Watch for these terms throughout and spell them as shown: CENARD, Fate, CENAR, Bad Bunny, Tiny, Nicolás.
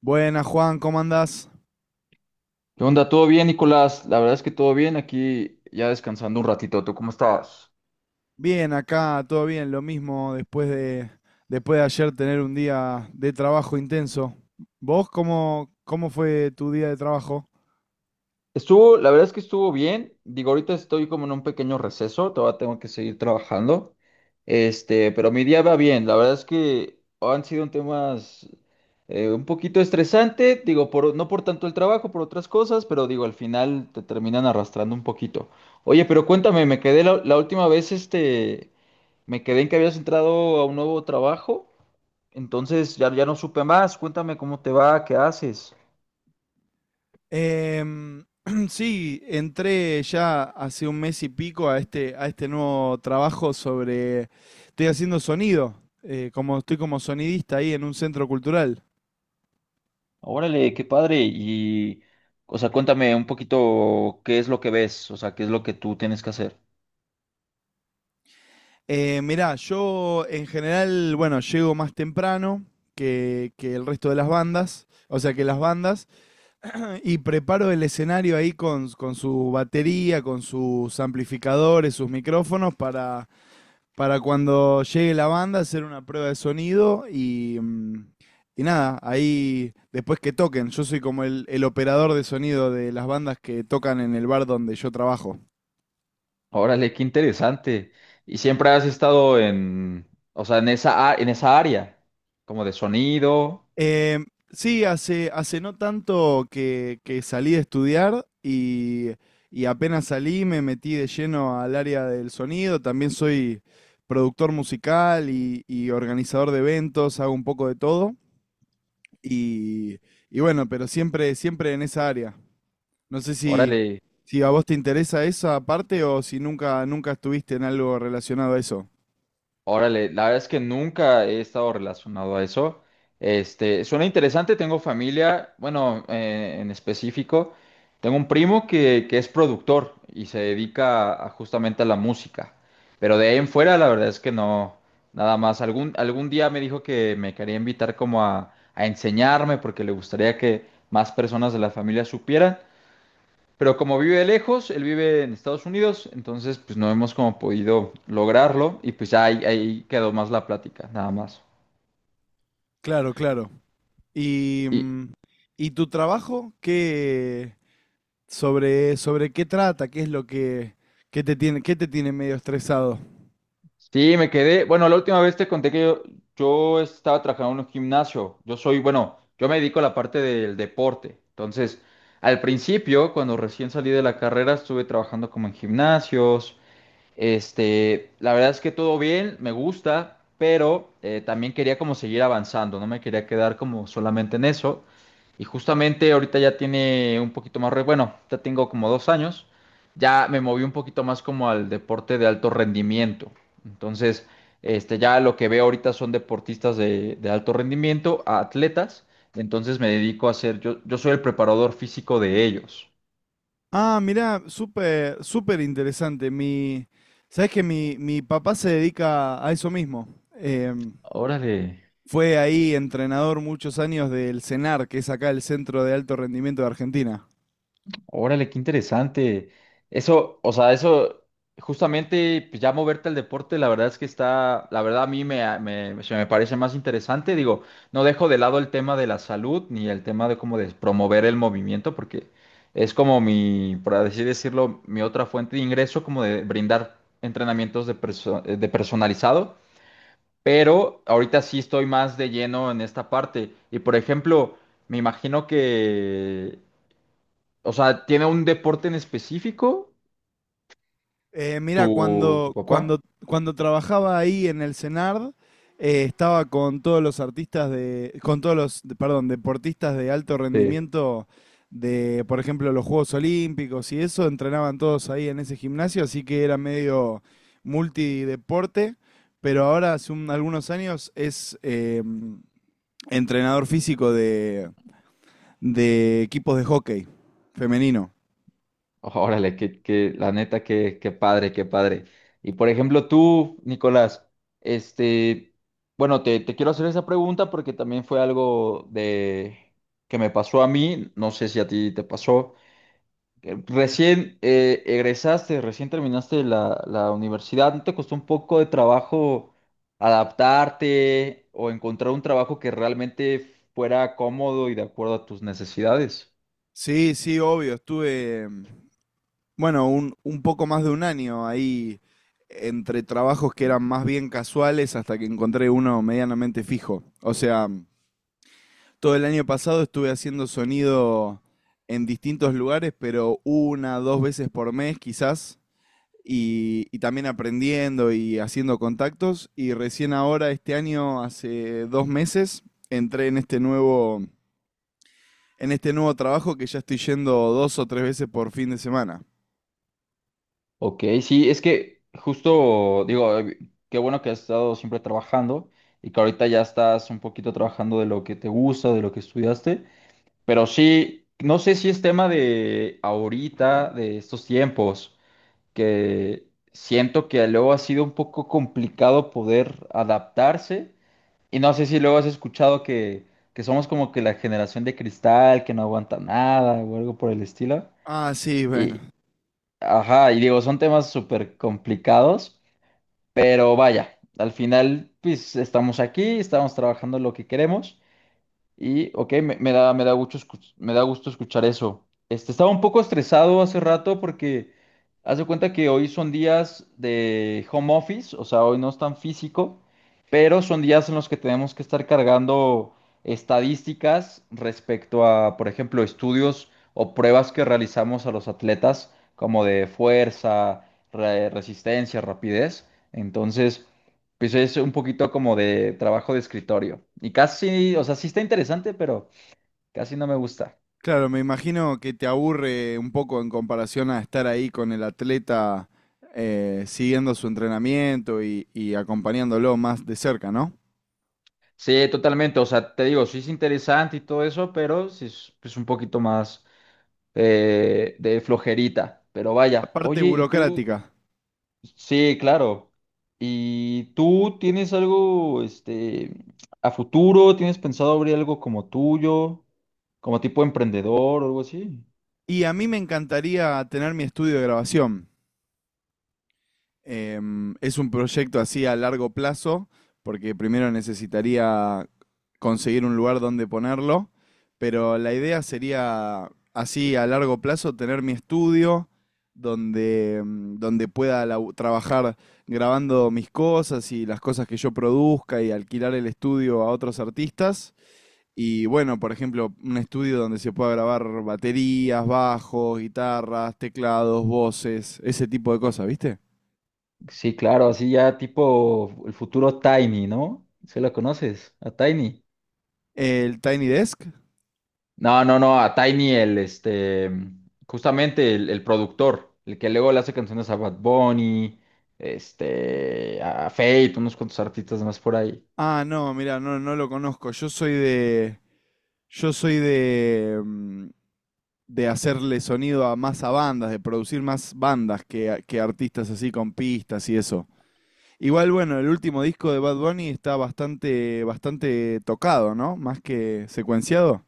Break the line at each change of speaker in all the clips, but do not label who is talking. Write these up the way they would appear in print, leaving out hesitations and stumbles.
Buenas, Juan, ¿cómo andás?
¿Qué onda? ¿Todo bien, Nicolás? La verdad es que todo bien, aquí ya descansando un ratito. ¿Tú cómo estabas?
Bien, acá todo bien, lo mismo después de ayer tener un día de trabajo intenso. ¿Vos cómo fue tu día de trabajo?
Estuvo, la verdad es que estuvo bien. Digo, ahorita estoy como en un pequeño receso, todavía tengo que seguir trabajando. Este, pero mi día va bien. La verdad es que han sido temas un poquito estresante, digo, por, no por tanto el trabajo, por otras cosas, pero digo, al final te terminan arrastrando un poquito. Oye, pero cuéntame, me quedé la última vez, este, me quedé en que habías entrado a un nuevo trabajo. Entonces ya no supe más. Cuéntame cómo te va, qué haces.
Em, sí, entré ya hace un mes y pico a a este nuevo trabajo sobre... Estoy haciendo sonido, como estoy como sonidista ahí en un centro cultural.
Órale, qué padre. Y, o sea, cuéntame un poquito qué es lo que ves, o sea, qué es lo que tú tienes que hacer.
Mirá, yo en general, bueno, llego más temprano que el resto de las bandas, o sea, que las bandas, y preparo el escenario ahí con su batería, con sus amplificadores, sus micrófonos, para cuando llegue la banda hacer una prueba de sonido y nada, ahí después que toquen, yo soy como el operador de sonido de las bandas que tocan en el bar donde yo trabajo.
Órale, qué interesante. Y siempre has estado en, o sea, en esa, en esa área, como de sonido.
Eh, sí, hace no tanto que salí de estudiar y apenas salí me metí de lleno al área del sonido. También soy productor musical y organizador de eventos, hago un poco de todo. Y, y bueno, pero siempre, siempre en esa área. No sé si,
Órale.
si a vos te interesa esa parte o si nunca, nunca estuviste en algo relacionado a eso.
Órale, la verdad es que nunca he estado relacionado a eso. Este, suena interesante, tengo familia, bueno, en específico, tengo un primo que es productor y se dedica a justamente a la música. Pero de ahí en fuera, la verdad es que no, nada más. Algún día me dijo que me quería invitar como a enseñarme porque le gustaría que más personas de la familia supieran, pero como vive lejos, él vive en Estados Unidos, entonces pues no hemos como podido lograrlo y pues ahí quedó más la plática, nada más.
Claro, claro. Y,
Y
mm, ¿Y tu trabajo? ¿Sobre qué trata, qué es lo qué te tiene medio estresado?
sí, me quedé, bueno, la última vez te conté que yo estaba trabajando en un gimnasio, yo soy, bueno, yo me dedico a la parte del deporte, entonces al principio, cuando recién salí de la carrera, estuve trabajando como en gimnasios. Este, la verdad es que todo bien, me gusta, pero también quería como seguir avanzando, no me quería quedar como solamente en eso. Y justamente ahorita ya tiene un poquito más, bueno, ya tengo como dos años, ya me moví un poquito más como al deporte de alto rendimiento. Entonces, este, ya lo que veo ahorita son deportistas de alto rendimiento, a atletas. Entonces me dedico a ser, yo soy el preparador físico de ellos.
Ah, mirá, súper, súper interesante. Sabes que mi papá se dedica a eso mismo. Em,
Órale.
fue ahí entrenador muchos años del CENAR, que es acá el Centro de Alto Rendimiento de Argentina.
Órale, qué interesante. Eso, o sea, eso, justamente, pues ya moverte al deporte, la verdad es que está, la verdad a mí me, se me parece más interesante. Digo, no dejo de lado el tema de la salud ni el tema de como de promover el movimiento, porque es como mi, por así decirlo, mi otra fuente de ingreso, como de brindar entrenamientos de, de personalizado. Pero ahorita sí estoy más de lleno en esta parte. Y por ejemplo, me imagino que o sea, ¿tiene un deporte en específico
Mira,
tu papá?
cuando trabajaba ahí en el CENARD, estaba con todos los artistas de, con todos los, perdón, deportistas de alto
Sí.
rendimiento de, por ejemplo, los Juegos Olímpicos y eso, entrenaban todos ahí en ese gimnasio, así que era medio multideporte, pero ahora hace algunos años es entrenador físico de equipos de hockey femenino.
Órale, que, la neta, qué, qué padre, qué padre. Y por ejemplo, tú, Nicolás, este, bueno, te quiero hacer esa pregunta porque también fue algo de que me pasó a mí, no sé si a ti te pasó. Recién egresaste, recién terminaste la universidad, ¿no te costó un poco de trabajo adaptarte o encontrar un trabajo que realmente fuera cómodo y de acuerdo a tus necesidades?
Sí, sí, obvio, estuve... Bueno, un poco más de un año ahí entre trabajos que eran más bien casuales hasta que encontré uno medianamente fijo. O sea, todo el año pasado estuve haciendo sonido en distintos lugares, pero una, dos veces por mes quizás, y también aprendiendo y haciendo contactos. Y recién ahora, este año, hace dos meses, entré en este nuevo trabajo que ya estoy yendo dos o tres veces por fin de semana.
Ok, sí, es que justo digo, qué bueno que has estado siempre trabajando y que ahorita ya estás un poquito trabajando de lo que te gusta, de lo que estudiaste, pero sí, no sé si es tema de ahorita, de estos tiempos, que siento que luego ha sido un poco complicado poder adaptarse. Y no sé si luego has escuchado que somos como que la generación de cristal, que no aguanta nada o algo por el estilo.
Ah, sí, bueno.
Y, ajá, y digo, son temas súper complicados, pero vaya, al final, pues estamos aquí, estamos trabajando lo que queremos. Y, ok, me, me da gusto, me da gusto escuchar eso. Este, estaba un poco estresado hace rato porque haz de cuenta que hoy son días de home office, o sea, hoy no es tan físico, pero son días en los que tenemos que estar cargando estadísticas respecto a, por ejemplo, estudios o pruebas que realizamos a los atletas, como de fuerza, resistencia, rapidez. Entonces... pues es un poquito como de trabajo de escritorio. Y casi, o sea, sí está interesante, pero casi no me gusta.
Claro, me imagino que te aburre un poco en comparación a estar ahí con el atleta siguiendo su entrenamiento y acompañándolo más de cerca, ¿no?
Sí, totalmente. O sea, te digo, sí es interesante y todo eso, pero sí es pues, un poquito más de flojerita. Pero
La
vaya.
parte
Oye, ¿y tú?
burocrática.
Sí, claro. ¿Y tú tienes algo, este, a futuro? ¿Tienes pensado abrir algo como tuyo? ¿Como tipo emprendedor o algo así?
Y a mí me encantaría tener mi estudio de grabación. Es un proyecto así a largo plazo, porque primero necesitaría conseguir un lugar donde ponerlo, pero la idea sería así a largo plazo tener mi estudio donde trabajar grabando mis cosas y las cosas que yo produzca y alquilar el estudio a otros artistas. Y bueno, por ejemplo, un estudio donde se pueda grabar baterías, bajos, guitarras, teclados, voces, ese tipo de cosas, ¿viste?
Sí, claro, así ya tipo el futuro Tiny, ¿no? ¿Sí lo conoces? A Tiny.
¿El Tiny Desk?
No, no, no, a Tiny el, este, justamente el productor, el que luego le hace canciones a Bad Bunny, este, a Fate, unos cuantos artistas más por ahí.
Ah, no, mira, no, no lo conozco. Yo soy de. Yo soy de de hacerle sonido a más a bandas, de producir más bandas que artistas así con pistas y eso. Igual, bueno, el último disco de Bad Bunny está bastante, bastante tocado, ¿no? Más que secuenciado.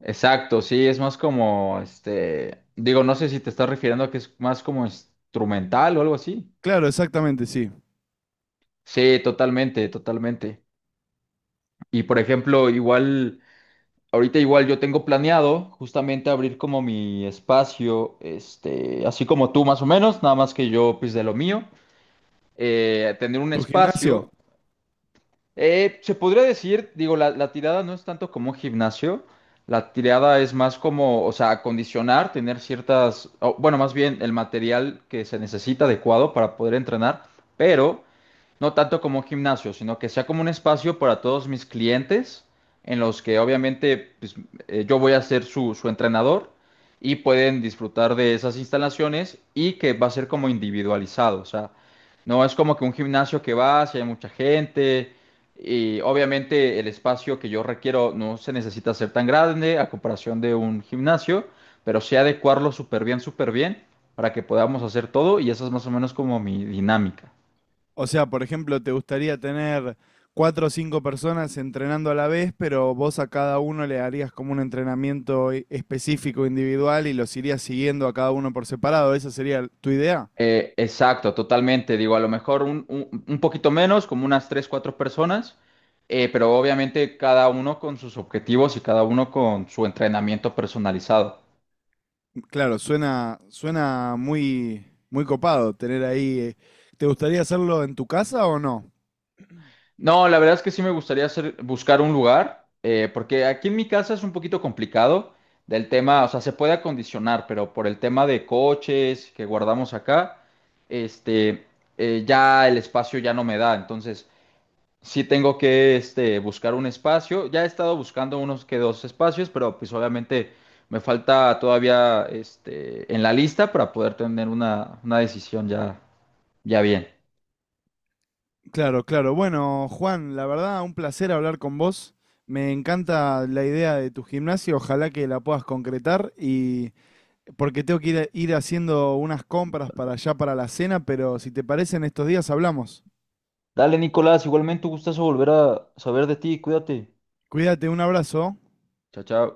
Exacto, sí, es más como, este, digo, no sé si te estás refiriendo a que es más como instrumental o algo así.
Claro, exactamente, sí.
Sí, totalmente, totalmente. Y por ejemplo, igual... ahorita igual yo tengo planeado justamente abrir como mi espacio, este, así como tú más o menos, nada más que yo pues de lo mío, tener un
¿Tu gimnasio?
espacio se podría decir, digo, la tirada no es tanto como un gimnasio, la tirada es más como, o sea, acondicionar, tener ciertas, o, bueno, más bien el material que se necesita adecuado para poder entrenar, pero no tanto como un gimnasio, sino que sea como un espacio para todos mis clientes, en los que obviamente pues, yo voy a ser su, su entrenador y pueden disfrutar de esas instalaciones y que va a ser como individualizado, o sea, no es como que un gimnasio que vas y hay mucha gente y obviamente el espacio que yo requiero no se necesita ser tan grande a comparación de un gimnasio, pero sí adecuarlo súper bien para que podamos hacer todo y esa es más o menos como mi dinámica.
O sea, por ejemplo, te gustaría tener cuatro o cinco personas entrenando a la vez, pero vos a cada uno le harías como un específico, individual, y los irías siguiendo a cada uno por separado. ¿Esa sería tu idea?
Exacto, totalmente. Digo, a lo mejor un, un poquito menos, como unas tres, cuatro personas, pero obviamente cada uno con sus objetivos y cada uno con su entrenamiento personalizado.
Claro, suena, suena muy, muy copado tener ahí. ¿Te gustaría hacerlo en tu casa o no?
No, la verdad es que sí me gustaría hacer, buscar un lugar, porque aquí en mi casa es un poquito complicado del tema, o sea, se puede acondicionar, pero por el tema de coches que guardamos acá, este, ya el espacio ya no me da, entonces sí tengo que, este, buscar un espacio. Ya he estado buscando unos que dos espacios, pero pues obviamente me falta todavía, este, en la lista para poder tener una decisión ya, ya bien.
Claro, claro. Bueno, Juan, la verdad, un placer hablar con vos. Me encanta la idea de tu gimnasio, ojalá que la puedas concretar y porque tengo que ir haciendo unas compras para allá para la cena, pero si te parece en estos días hablamos.
Dale, Nicolás, igualmente un gustazo volver a saber de ti, cuídate.
Cuídate, un abrazo.
Chao, chao.